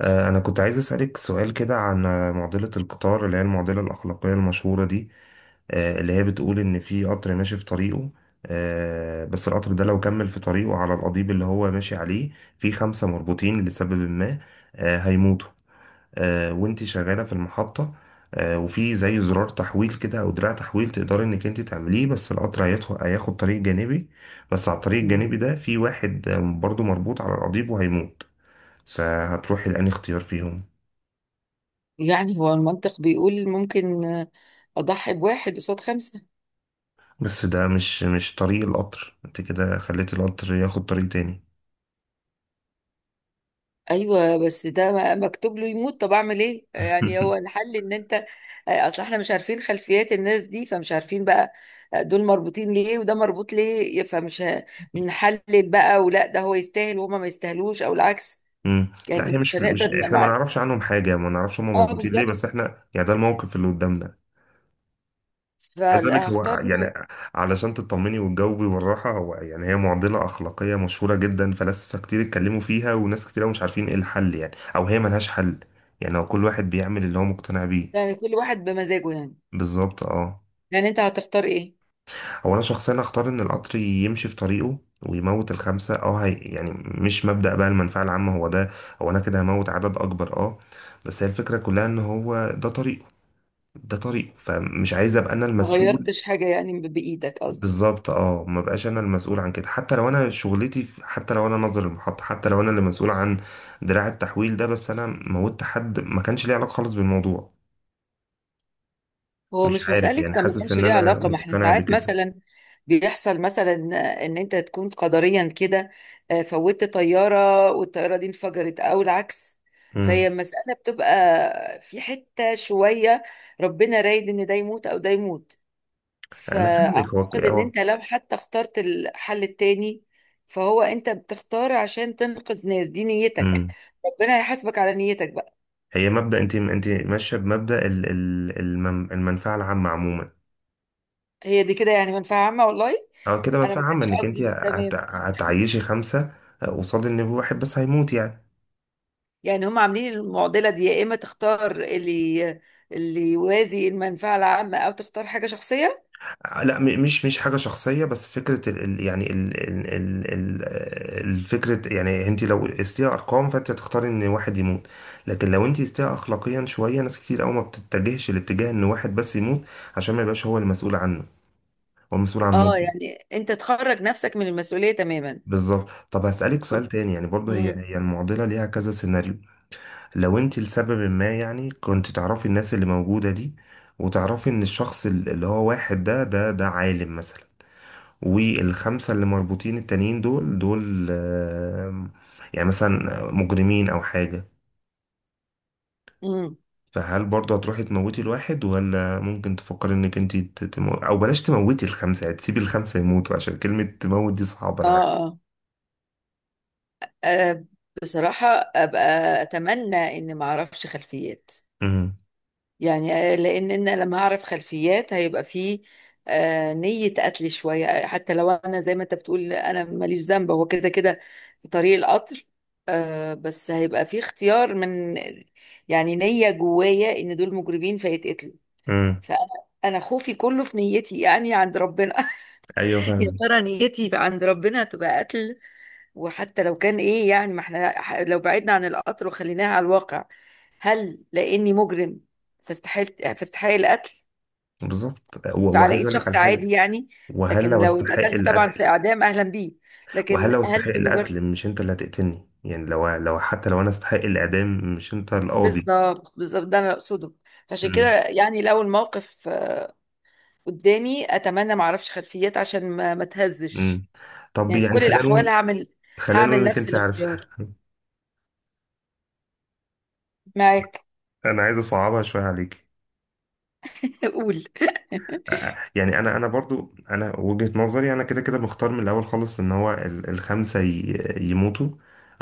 أنا كنت عايز أسألك سؤال كده عن معضلة القطار اللي هي المعضلة الأخلاقية المشهورة دي. اللي هي بتقول إن في قطر ماشي في طريقه. بس القطر ده لو كمل في طريقه على القضيب اللي هو ماشي عليه، في خمسة مربوطين لسبب ما هيموتوا. وإنتي شغالة في المحطة، وفي زي زرار تحويل كده أو دراع تحويل تقدري إنك إنتي تعمليه، بس القطر هياخد طريق جانبي. بس على الطريق مم. الجانبي ده في واحد برضه مربوط على القضيب وهيموت. فهتروحي لأنهي اختيار فيهم؟ يعني هو المنطق بيقول ممكن اضحي بواحد قصاد خمسه. بس ده مش طريق القطر، انت كده خليت القطر ياخد طريق تاني. ايوه، بس ده مكتوب له يموت. طب اعمل ايه؟ يعني هو الحل ان انت اصل احنا مش عارفين خلفيات الناس دي، فمش عارفين بقى دول مربوطين ليه وده مربوط ليه، فمش بنحلل بقى، ولا ده هو يستاهل وهما ما يستاهلوش او العكس؟ مم. لا، يعني هي مش مش هنقدر احنا ما مع. نعرفش عنهم حاجة، ما نعرفش هم اه، مربوطين ليه، بس بالظبط. احنا يعني ده الموقف اللي قدامنا. عايز اقول لك هو فهختار إنه يعني علشان تطمني وتجاوبي بالراحة، هو يعني هي معضلة أخلاقية مشهورة جدا، فلاسفة كتير اتكلموا فيها وناس كتير أوي مش عارفين ايه الحل يعني، او هي ملهاش حل. يعني هو كل واحد بيعمل اللي هو مقتنع بيه. يعني كل واحد بمزاجه. يعني بالظبط اه. يعني انت هتختار ايه؟ هو انا شخصيا اختار ان القطر يمشي في طريقه ويموت الخمسه، اه هي يعني مش مبدأ بقى المنفعه العامه هو ده. هو انا كده هموت عدد اكبر، اه. بس هي الفكره كلها ان هو ده طريقه. ده طريقه فمش عايز ابقى انا ما المسؤول. غيرتش حاجه يعني بايدك قصدك. بالظبط اه، ما بقاش انا المسؤول عن كده، حتى لو انا حتى لو انا ناظر المحطه، حتى لو انا اللي مسؤول عن دراع التحويل ده، بس انا موتت حد ما كانش ليه علاقه خالص بالموضوع. هو مش مش عارف مسألة يعني كان ما حاسس كانش ان ليه انا علاقة، ما احنا مقتنع ساعات بكده. مثلا بيحصل مثلا ان انت تكون قدريا كده. فوتت طيارة والطيارة دي انفجرت او العكس، امم. فهي المسألة بتبقى في حتة شوية ربنا رايد ان ده يموت او ده يموت. انا فاهمك. فاعتقد ان هو انت لو حتى اخترت الحل التاني، فهو انت بتختار عشان تنقذ ناس دي نيتك. هو ربنا هيحاسبك على نيتك بقى. هي مبدأ انت ماشيه بمبدأ المنفعه العامه عموما. هي دي كده يعني منفعة عامة والله. او كده انا منفعه ما عامه، كانش انك انت قصدي، بس تمام. هتعيشي خمسه قصاد ان في واحد بس هيموت يعني. يعني هم عاملين المعضلة دي، يا إما تختار اللي يوازي المنفعة العامة، أو تختار حاجة شخصية. لا، مش حاجه شخصيه، بس فكره يعني الفكره يعني انت لو قستيها ارقام فانت هتختاري ان واحد يموت. لكن لو انت قستيها اخلاقيا شويه ناس كتير قوي ما بتتجهش الاتجاه ان واحد بس يموت عشان ما يبقاش هو المسؤول عنه، هو المسؤول عن اه، موته. يعني أنت تخرج نفسك من المسؤولية تماما. بالظبط. طب هسألك سؤال تاني، يعني برضه هي مم. هي المعضلة ليها كذا سيناريو. لو انت لسبب ما يعني كنت تعرفي الناس اللي موجودة دي، وتعرفي ان الشخص اللي هو واحد ده عالم مثلا، والخمسة اللي مربوطين التانيين دول يعني مثلا مجرمين او حاجة. مم. فهل برضه هتروحي تموتي الواحد، ولا ممكن تفكري انك انت او بلاش تموتي الخمسة يعني تسيبي الخمسة يموتوا، عشان كلمة تموت دي صعبة آه, انا عارف. آه آه، بصراحة أبقى أتمنى إن ما أعرفش خلفيات. امم. يعني لان انا لما هعرف خلفيات هيبقى فيه نية قتل شوية. حتى لو انا زي ما انت بتقول انا ماليش ذنب، هو كده كده في طريق القطر. بس هيبقى فيه اختيار من، يعني نية جوايا ان دول مجرمين فيتقتلوا. امم. فانا انا خوفي كله في نيتي، يعني عند ربنا. ايوه يا فاهم. ترى نيتي عند ربنا تبقى قتل؟ وحتى لو كان ايه، يعني ما احنا لو بعدنا عن القطر وخليناها على الواقع، هل لاني مجرم فاستحيل فاستحق القتل؟ بالظبط، فعلى وعايز ايد اقول لك على شخص حاجه. عادي يعني. وهل لكن لو لو استحق اتقتلت طبعا في القتل. اعدام اهلا بيه، وهل لكن لو استحق هل لمجرد؟ القتل مش انت اللي هتقتلني يعني، لو لو حتى لو انا استحق الاعدام مش انت القاضي. بالظبط بالظبط، ده انا اقصده. فعشان كده امم. يعني لو الموقف قدامي، اتمنى ما اعرفش خلفيات عشان ما تهزش. امم. طب يعني في يعني كل خلينا الاحوال نقول، هعمل خلينا نقول هعمل انك نفس انت عارفه. الاختيار معاك. انا عايز اصعبها شويه عليك. قول. يعني انا برضو انا وجهة نظري انا كده كده مختار من الاول خالص، ان هو الخمسة يموتوا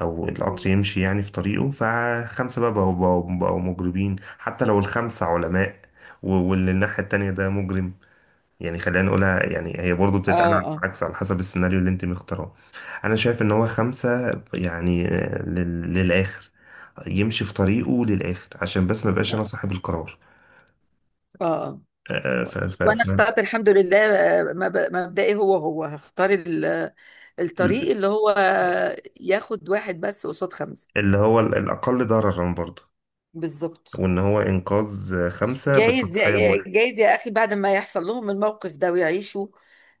او القطر يمشي يعني في طريقه، فخمسة بقى بقوا مجرمين حتى لو الخمسة علماء. واللي الناحية التانية ده مجرم، يعني خلينا نقولها يعني هي برضو بتتقال اه على اه العكس على حسب السيناريو اللي انت مختاره. انا شايف ان هو خمسة يعني للاخر يمشي في طريقه للاخر، عشان بس ما بقاش انا صاحب القرار. اه. آه، ف ف وانا ف اخترت الحمد لله مبدئي هو هختار الطريق اللي هو ياخد واحد بس قصاد خمسة. اللي هو الأقل ضررا برضه، بالظبط. وإن هو إنقاذ خمسة جايز. بالتضحية بواحد. جايز يا اخي، بعد ما يحصل لهم الموقف ده ويعيشوا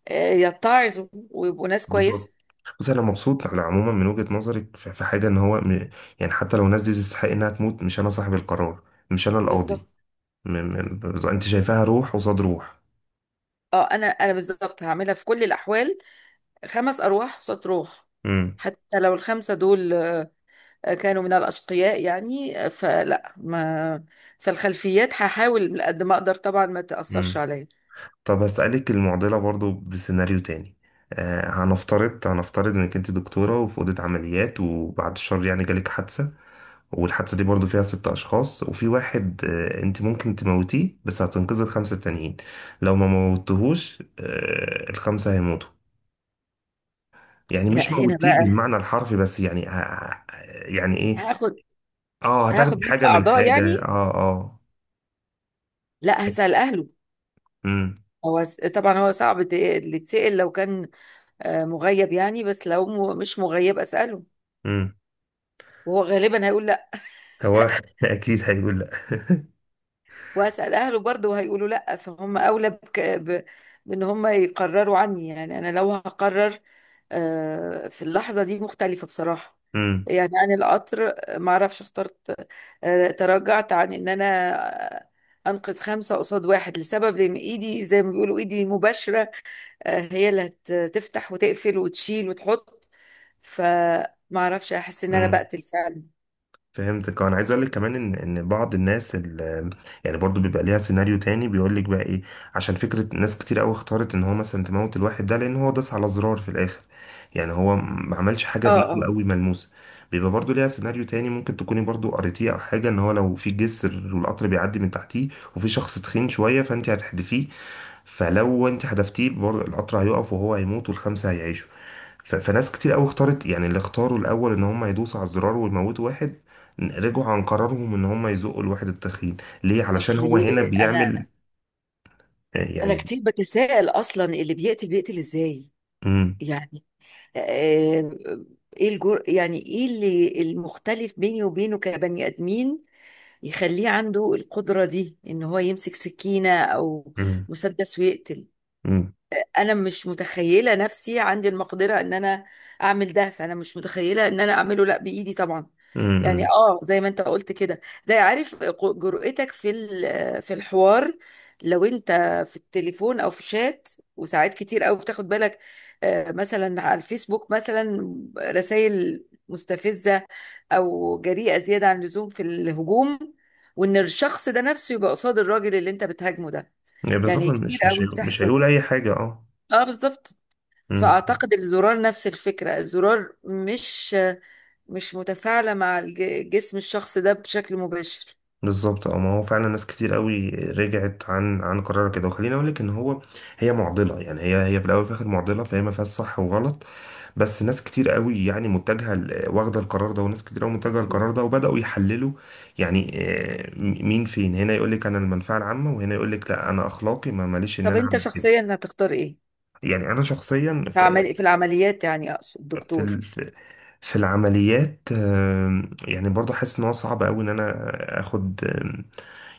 يتعظوا ويبقوا ناس كويسة. بالظبط. بس أنا مبسوط على عموما من وجهة نظرك، في حاجة إن هو يعني حتى لو الناس دي تستحق إنها تموت مش أنا صاحب القرار، مش أنا القاضي. بالظبط. أنت شايفاها روح قصاد روح؟ اه، انا بالظبط هعملها في كل الاحوال، خمس ارواح قصاد روح، امم. حتى لو الخمسة دول كانوا من الأشقياء يعني فلا ما. فالخلفيات هحاول قد ما أقدر طبعا ما تأثرش امم. عليا. طب هسألك المعضلة برضه بسيناريو تاني. هنفترض إنك أنت دكتورة وفي أوضة عمليات وبعد الشر يعني جالك حادثة، والحادثة دي برضو فيها ست أشخاص، وفي واحد أنت ممكن تموتيه بس هتنقذي الخمسة التانيين. لو ما موتتهوش الخمسة هيموتوا. يعني مش لا، هنا موتيه بقى بالمعنى الحرفي، بس يعني يعني إيه، هاخد آه هتاخدي هاخد منه حاجة من أعضاء حاجة، يعني. آه آه. لا، هسأل أهله. امم. هو طبعا هو صعب اللي يتسأل، لو كان مغيب يعني، بس لو مش مغيب أسأله، امم. وهو غالبا هيقول لا. هو أكيد هيقول لأ. واسال اهله برضه هيقولوا لا، فهم اولى بك، بان هم يقرروا عني. يعني انا لو هقرر في اللحظه دي مختلفه بصراحه يعني عن القطر. ما اعرفش، اخترت تراجعت عن ان انا آه، انقذ خمسه قصاد واحد، لسبب لان ايدي زي ما بيقولوا ايدي مباشره. هي اللي هتفتح وتقفل وتشيل وتحط. فما اعرفش، احس ان انا امم. بقتل فعلا. فهمتك. انا عايز اقول لك كمان ان بعض الناس يعني برضو بيبقى ليها سيناريو تاني بيقول لك بقى ايه. عشان فكره ناس كتير قوي اختارت ان هو مثلا تموت الواحد ده لان هو داس على زرار في الاخر، يعني هو ما عملش حاجه اه بايده اه. قوي ملموسه. بيبقى برضو ليها سيناريو تاني ممكن تكوني برضو قريتيه او حاجه، ان هو لو في جسر والقطر بيعدي من تحتيه وفي شخص تخين شويه، فانت هتحدفيه، فلو انت حدفتيه برضو القطر هيقف وهو هيموت والخمسه هيعيشوا. فناس كتير قوي اختارت يعني اللي اختاروا الاول ان هم يدوسوا على الزرار ويموتوا واحد، رجعوا عن قرارهم ان هم يزقوا الواحد التخين. ليه؟ علشان هو هنا اصلي بيعمل انا يعني. كتير بتساءل اصلا اللي بيقتل بيقتل ازاي. امم. يعني آه، ايه الجر يعني، ايه اللي المختلف بيني وبينه كبني ادمين يخليه عنده القدرة دي ان هو يمسك سكينة او امم. مسدس ويقتل؟ امم. انا مش متخيله نفسي عندي المقدره ان انا اعمل ده، فانا مش متخيله ان انا اعمله لا بايدي طبعا. يعني امم. اه، زي ما انت قلت كده، زي عارف جرأتك في الحوار لو انت في التليفون او في شات. وساعات كتير قوي بتاخد بالك مثلا على الفيسبوك مثلا رسائل مستفزه او جريئه زياده عن اللزوم في الهجوم، وان الشخص ده نفسه يبقى قصاد الراجل اللي انت بتهاجمه ده. يعني بالظبط يعني كتير قوي مش بتحصل. هيقول اي حاجه، اه. اه بالظبط. امم. فأعتقد الزرار نفس الفكرة، الزرار مش متفاعلة مع جسم الشخص ده بشكل مباشر. بالظبط اه، ما هو فعلا ناس كتير قوي رجعت عن قرار كده. وخليني اقول لك ان هو هي معضله، يعني هي هي في الاول وفي الاخر معضله، فهي ما فيهاش صح وغلط. بس ناس كتير قوي يعني متجهه واخده القرار ده، وناس كتير قوي متجهه مم. القرار ده، وبداوا يحللوا. يعني مين فين هنا يقول لك انا المنفعه العامه، وهنا يقول لك لا انا اخلاقي ما ماليش ان طب انا انت اعمل كده. شخصيا هتختار ايه؟ يعني انا شخصيا في العمليات يعني، اقصد في دكتور؟ ال... في في العمليات يعني برضه حاسس ان هو صعب قوي ان انا اخد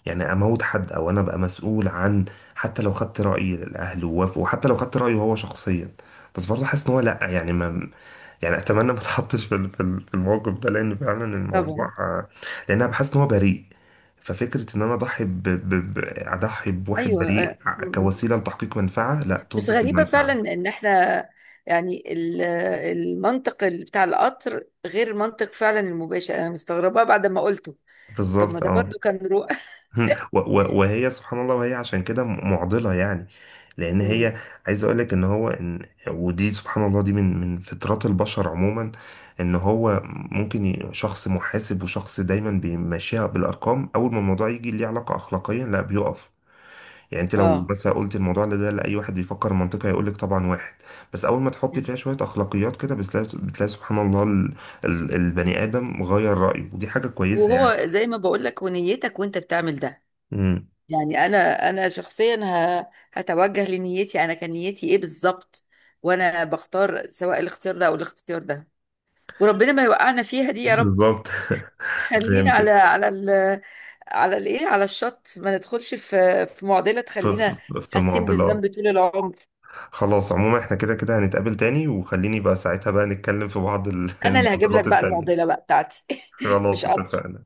يعني اموت حد، او انا ابقى مسؤول عن، حتى لو خدت رأي الاهل ووافقوا وحتى لو خدت رأيه هو شخصيا، بس برضه حاسس ان هو لا يعني ما، يعني اتمنى ما اتحطش في الموقف ده، لان فعلا الموضوع طبعا. لان انا بحس ان هو بريء. ففكرة ان انا اضحي ب... ب... ب... اضحي بواحد ايوه، بريء آه، م- م. كوسيلة لتحقيق منفعة، لا، بس طز في غريبة فعلا المنفعة. ان احنا يعني المنطق بتاع القطر غير منطق فعلا المباشر. انا مستغربة بعد ما قلته. طب ما بالظبط ده اه. برضو كان رؤى. مم. وهي سبحان الله، وهي عشان كده معضلة يعني، لأن مم. هي. عايز أقول لك إن هو إن ودي سبحان الله دي من فطرات البشر عموما، إن هو ممكن شخص محاسب وشخص دايما بيمشيها بالأرقام، أول ما الموضوع يجي ليه علاقة أخلاقيا لا بيقف. يعني أنت لو اه. بس قلت الموضوع ده لأي واحد بيفكر منطقي هيقول لك طبعا واحد، بس أول ما تحط مم. فيها شوية أخلاقيات كده بتلاقي بتلاقي سبحان الله البني آدم غير رأيه، ودي حاجة كويسة وهو يعني. زي ما بقول لك، ونيتك وانت بتعمل ده، مم. يعني انا شخصيا هتوجه لنيتي. انا كان نيتي ايه بالظبط؟ وانا بختار سواء الاختيار ده او الاختيار ده. وربنا ما يوقعنا فيها دي يا رب. بالظبط. خلينا على فهمتك. على على الايه، على الشط، ما ندخلش في معضله في تخلينا في حاسين معضلات. بالذنب طول العمر. خلاص عموما احنا كده كده هنتقابل تاني وخليني بقى ساعتها بقى نتكلم في بعض انا اللي هجيب لك المعضلات بقى التانية. المعضله بقى بتاعتي. خلاص مش قطر. اتفقنا.